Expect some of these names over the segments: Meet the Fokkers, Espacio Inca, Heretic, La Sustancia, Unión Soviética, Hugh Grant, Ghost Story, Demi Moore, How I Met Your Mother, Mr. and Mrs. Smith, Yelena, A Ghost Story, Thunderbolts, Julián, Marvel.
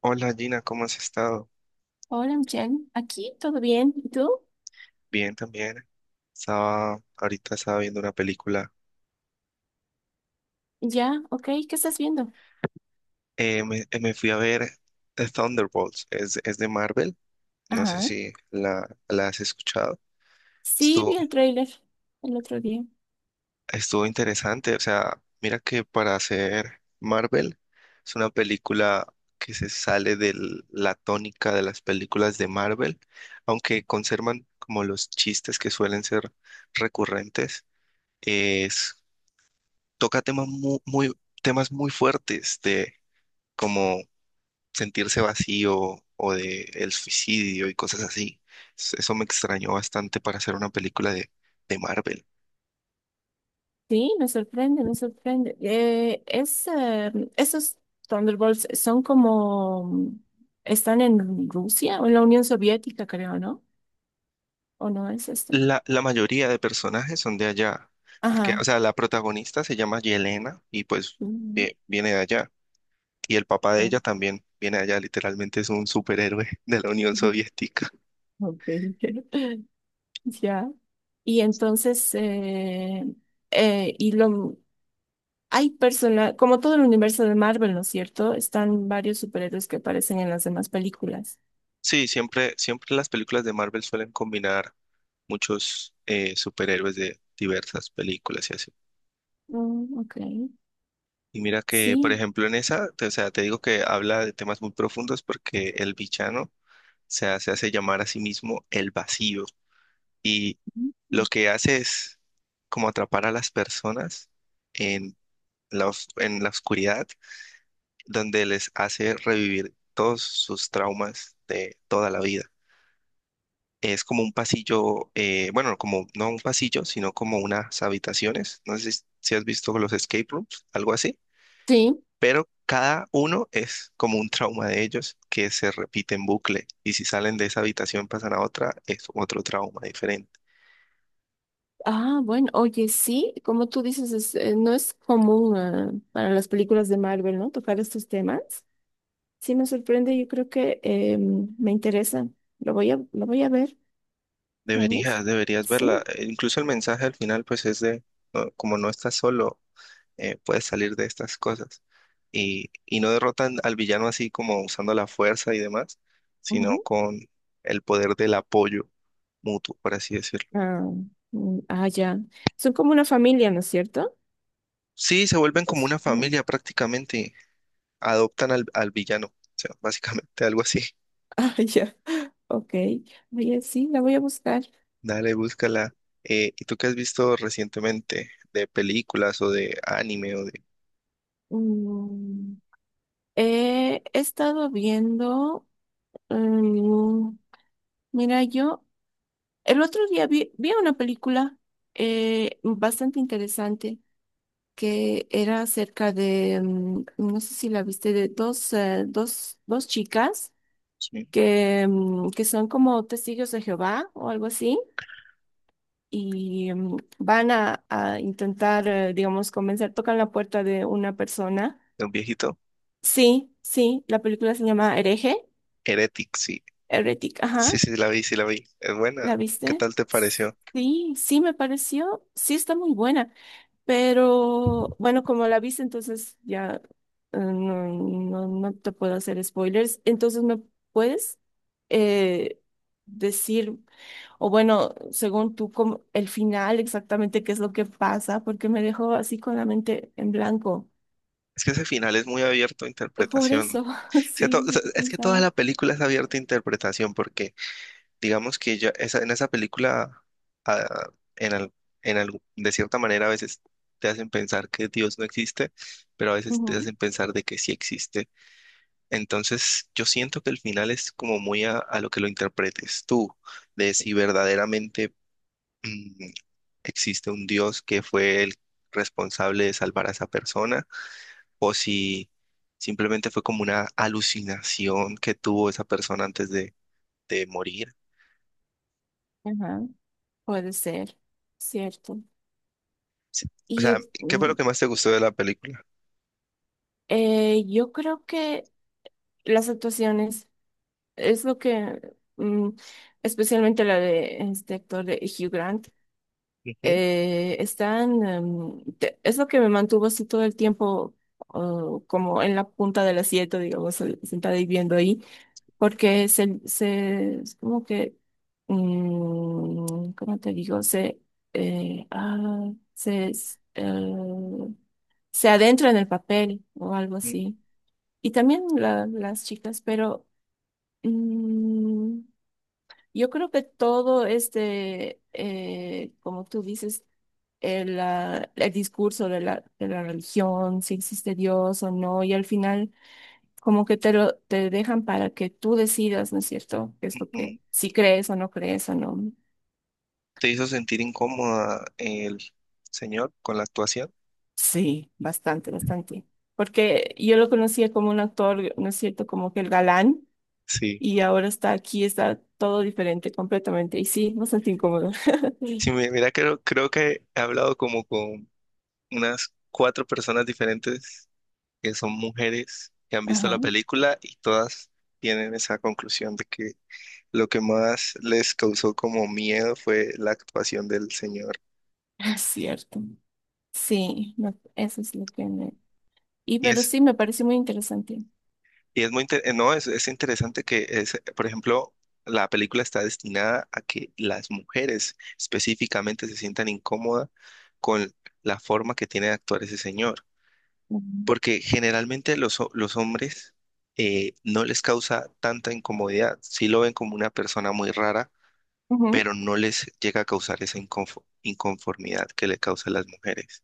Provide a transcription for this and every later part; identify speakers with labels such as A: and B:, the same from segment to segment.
A: Hola Gina, ¿cómo has estado?
B: Hola, Michelle. Aquí, ¿todo bien? ¿Y tú?
A: Bien también. Estaba, ahorita estaba viendo una película.
B: Ya, ok. ¿Qué estás viendo?
A: Me fui a ver Thunderbolts. Es de Marvel. No sé
B: Ajá.
A: si la has escuchado.
B: Sí,
A: Estuvo,
B: vi el tráiler el otro día.
A: estuvo interesante. O sea, mira que para hacer Marvel es una película que se sale de la tónica de las películas de Marvel, aunque conservan como los chistes que suelen ser recurrentes. Es toca temas temas muy fuertes de como sentirse vacío o de el suicidio y cosas así. Eso me extrañó bastante para hacer una película de Marvel.
B: Sí, me sorprende, me sorprende. Esos Thunderbolts son como, mm, están en Rusia o en la Unión Soviética, creo, ¿no? ¿O no es esto?
A: La mayoría de personajes son de allá, porque,
B: Ajá.
A: o sea, la protagonista se llama Yelena y pues
B: Mm,
A: viene de allá. Y el papá de
B: no.
A: ella también viene de allá, literalmente es un superhéroe de la Unión Soviética.
B: Ok. Ya. Y entonces, eh, eh, y lo, Hay personas, como todo el universo de Marvel, ¿no es cierto? Están varios superhéroes que aparecen en las demás películas.
A: Sí, siempre las películas de Marvel suelen combinar muchos superhéroes de diversas películas y así.
B: Mm, ok.
A: Y mira que, por
B: Sí,
A: ejemplo, en esa, o sea, te digo que habla de temas muy profundos porque el villano hace llamar a sí mismo el vacío y
B: mm,
A: lo que hace es como atrapar a las personas en en la oscuridad donde les hace revivir todos sus traumas de toda la vida. Es como un pasillo, bueno, como no un pasillo, sino como unas habitaciones. No sé si has visto los escape rooms, algo así,
B: sí.
A: pero cada uno es como un trauma de ellos que se repite en bucle. Y si salen de esa habitación, pasan a otra, es otro trauma diferente.
B: Ah, bueno, oye, sí, como tú dices, no es común, para las películas de Marvel, ¿no? Tocar estos temas. Sí, me sorprende, yo creo que me interesa. Lo voy a ver, ¿sabes?
A: Deberías
B: Sí.
A: verla. Incluso el mensaje al final, pues es de, no, como no estás solo, puedes salir de estas cosas. Y no derrotan al villano así como usando la fuerza y demás, sino
B: Ujú.
A: con el poder del apoyo mutuo, por así decirlo.
B: Ah, mm, ah, ya. Son como una familia, ¿no es cierto?
A: Sí, se vuelven como una
B: ¿No?
A: familia prácticamente, adoptan al villano, o sea, básicamente algo así.
B: Ah, ya. Ok. Oye, sí, la voy a buscar.
A: Dale, búscala. ¿Y tú qué has visto recientemente de películas o de anime o de,
B: Mm, he estado viendo. Mm, mira, yo el otro día vi una película bastante interesante que era acerca de, mm, no sé si la viste, de dos chicas
A: sí,
B: que, mm, que son como testigos de Jehová o algo así. Y mm, a intentar, digamos, convencer, tocan la puerta de una persona.
A: de un viejito?
B: Sí, sí, la película se llama Hereje,
A: Heretic, sí.
B: Heretic,
A: Sí,
B: ajá,
A: sí, la vi, sí la vi. Es buena.
B: ¿la
A: ¿Qué
B: viste?
A: tal te pareció?
B: Sí, sí, me pareció, sí, está muy buena. Pero bueno, como la viste, entonces ya no te puedo hacer spoilers. Entonces, ¿me puedes eh, decir, o bueno, según tú, cómo- el final exactamente qué es lo que pasa? Porque me dejó así con la mente en blanco.
A: Es que ese final es muy abierto a
B: Por
A: interpretación.
B: eso,
A: O sea,
B: sí, es
A: o
B: lo
A: sea,
B: que
A: es que toda
B: pensaba.
A: la película es abierta a interpretación porque digamos que ya en esa película, ah, en al- en algo- de cierta manera a veces te hacen pensar que Dios no existe, pero a veces te
B: Ujú.
A: hacen pensar de que sí existe. Entonces yo siento que el final es como muy a lo que lo interpretes tú, de si verdaderamente mm, existe un Dios que fue el responsable de salvar a esa persona o si simplemente fue como una alucinación que tuvo esa persona antes de morir.
B: Ajá. Puede ser, cierto.
A: Sí. O
B: Y
A: sea, ¿qué fue lo
B: mm,
A: que más te gustó de la película?
B: yo creo que las actuaciones. Es lo que, mm, especialmente la de este actor de Hugh Grant,
A: Ujú,
B: es lo que me mantuvo así todo el tiempo, oh, como en la punta del asiento, digamos, sentada y viendo ahí, porque es como que, mm, ¿cómo te digo? Se, ah, se, s- se adentra en el papel o algo
A: ujú,
B: así. Y también las chicas, pero... mm, yo creo que todo este, como tú dices, el discurso de de la religión, si existe Dios o no, y al final como que te dejan para que tú decidas, ¿no es cierto? Que es lo que,
A: ujú.
B: si crees o no crees o no.
A: ¿Te hizo sentir incómoda el señor con la actuación?
B: Sí, bastante, bastante. Porque yo lo conocía como un actor, ¿no es cierto? Como que el galán,
A: Sí.
B: y ahora está aquí, está todo diferente completamente, y sí, bastante incómodo.
A: Sí, mira, creo que he hablado como con unas cuatro personas diferentes que son mujeres que han visto
B: Ajá,
A: la película y todas tienen esa conclusión de que lo que más les causó como miedo fue la actuación del señor.
B: es cierto. Sí, eso es lo que me... Y
A: Y
B: pero
A: es,
B: sí, me parece muy interesante.
A: y es muy, no, es interesante es, por ejemplo, la película está destinada a que las mujeres específicamente se sientan incómodas con la forma que tiene de actuar ese señor,
B: Ujú.
A: porque generalmente los hombres no les causa tanta incomodidad, sí lo ven como una persona muy rara,
B: Ujú.
A: pero no les llega a causar esa inconformidad que le causa a las mujeres.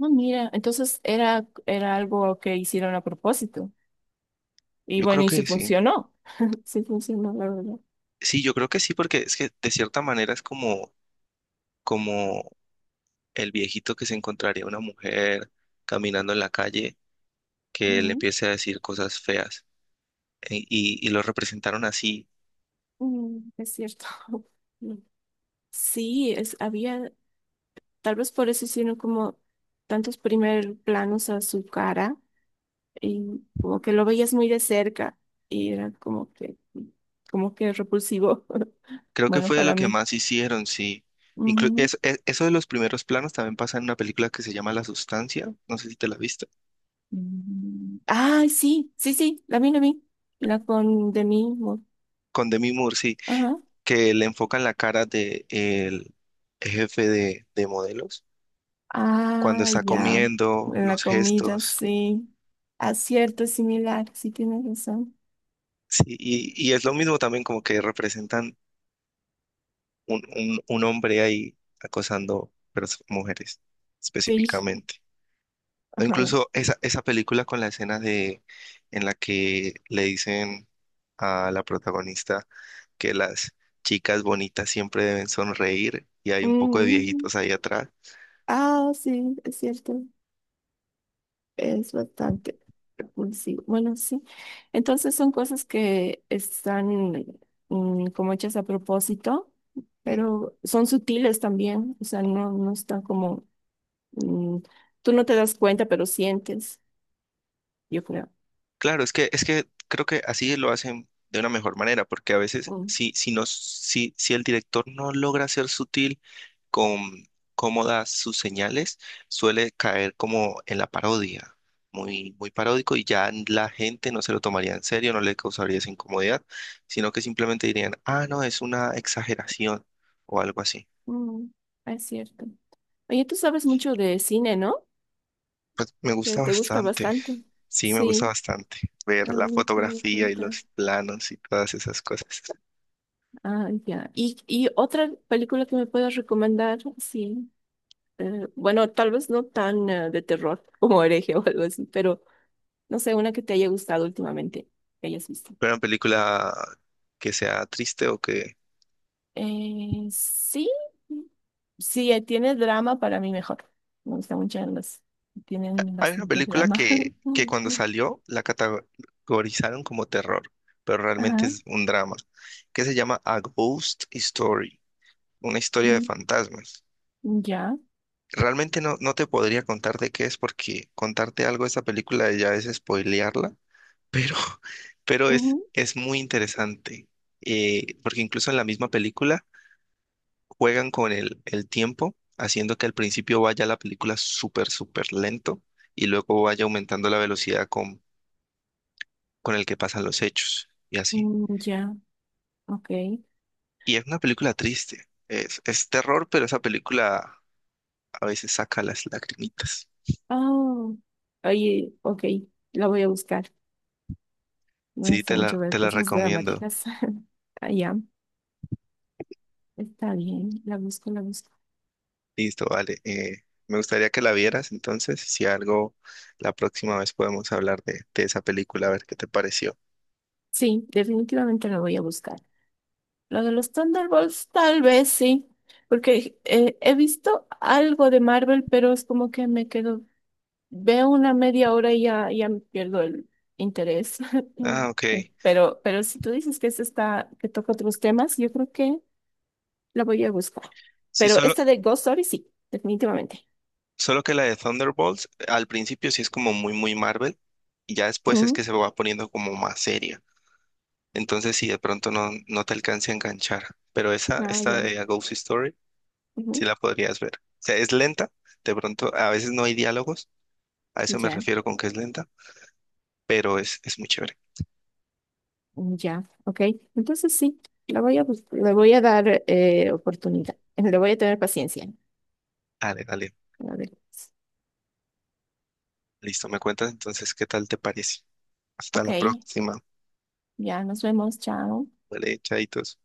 B: Ah, mira, entonces era algo que hicieron a propósito. Y
A: Yo creo
B: bueno, y sí
A: que sí.
B: funcionó. Sí funcionó, la verdad.
A: Sí, yo creo que sí, porque es que de cierta manera es como, como el viejito que se encontraría una mujer caminando en la calle que le
B: Ujú.
A: empiece a decir cosas feas. Y lo representaron así.
B: Mm, es cierto. Mm. Había, tal vez por eso hicieron como tantos primer planos a su cara y como que lo veías muy de cerca y era como que repulsivo,
A: Creo que
B: bueno,
A: fue de lo
B: para
A: que
B: mí.
A: más hicieron, sí. Eso de los primeros planos también pasa en una película que se llama La Sustancia, no sé si te la viste,
B: Mm. Ay, sí, sí, sí, la vi. La con de mí.
A: con Demi Moore, sí,
B: Ajá.
A: que le enfocan la cara de el jefe de modelos cuando
B: Ah,
A: está
B: ya.
A: comiendo,
B: La
A: los
B: comida,
A: gestos,
B: sí. Acierto es similar, sí tienes razón.
A: sí, y es lo mismo también como que representan un hombre ahí acosando mujeres
B: Sí.
A: específicamente. O
B: Ajá.
A: incluso esa película con la escena de en la que le dicen a la protagonista que las chicas bonitas siempre deben sonreír y hay un poco de
B: Mm.
A: viejitos ahí atrás.
B: Ah, sí, es cierto. Es bastante repulsivo. Bueno, sí. Entonces son cosas que están mm, como hechas a propósito,
A: Mm.
B: pero son sutiles también. O sea, no están como mm, tú no te das cuenta, pero sientes, yo creo.
A: Claro, es es que creo que así lo hacen de una mejor manera, porque a veces
B: Mm,
A: no, si el director no logra ser sutil con cómo da sus señales, suele caer como en la parodia, muy paródico y ya la gente no se lo tomaría en serio, no le causaría esa incomodidad, sino que simplemente dirían, ah, no, es una exageración o algo así.
B: mm, es cierto. Oye, tú sabes mucho de cine, ¿no?
A: Pues me gusta
B: Te gusta
A: bastante,
B: bastante.
A: sí, me gusta
B: Sí.
A: bastante
B: Ah,
A: ver la
B: no tenía
A: fotografía y
B: cuenta.
A: los planos y todas esas cosas.
B: Ah, ya. Y otra película que me puedas recomendar? Sí. Bueno, tal vez no tan de terror como Hereje o algo así, pero no sé, una que te haya gustado últimamente, que hayas visto.
A: ¿Pero una película que sea triste o que...
B: Sí. Sí, tiene drama para mí mejor. Me gustan mucho las que tienen
A: Hay una
B: bastante
A: película
B: drama.
A: que cuando salió la categorizaron como terror, pero realmente
B: Ajá.
A: es un drama, que se llama A Ghost Story, una historia de
B: Mm,
A: fantasmas.
B: ya.
A: Realmente no te podría contar de qué es porque contarte algo de esa película ya es spoilearla, pero, pero es muy interesante, porque incluso en la misma película juegan con el tiempo, haciendo que al principio vaya la película súper lento y luego vaya aumentando la velocidad con el que pasan los hechos y así.
B: Ujú, mm, ya. Ok.
A: Y es una película triste. Es terror, pero esa película a veces saca las lagrimitas.
B: Oh. Oye, ok. La voy a buscar. Me
A: Sí,
B: gusta mucho ver
A: te la
B: cosas
A: recomiendo.
B: dramáticas. Ah, ya. Está bien. La busco.
A: Listo, vale. Me gustaría que la vieras, entonces, si algo, la próxima vez podemos hablar de esa película, a ver qué te pareció.
B: Sí, definitivamente la voy a buscar. Lo de los Thunderbolts, tal vez sí. Porque he visto algo de Marvel, pero es como que me quedo. Veo una media hora y ya, ya me pierdo el interés.
A: Ah, ok.
B: Pero si tú dices que esta está, que toca otros temas, yo creo que la voy a buscar.
A: Sí,
B: Pero esta de Ghost Story, sí, definitivamente.
A: solo que la de Thunderbolts al principio sí es como muy Marvel y ya después es que
B: Ujú.
A: se va poniendo como más seria. Entonces, si de pronto no te alcance a enganchar. Pero
B: Ah,
A: esta
B: ya.
A: de A Ghost Story, sí
B: Ujú.
A: la podrías ver. O sea, es lenta, de pronto a veces no hay diálogos, a eso me
B: Ya,
A: refiero con que es lenta, pero es muy chévere.
B: ya. Ok. Entonces sí, la voy a, bus- le voy a dar oportunidad. Le voy a tener paciencia.
A: Dale.
B: A ver.
A: Listo, me cuentas entonces qué tal te parece. Hasta
B: Ok.
A: la próxima.
B: Ya, nos vemos. Chao.
A: Vale, chaitos.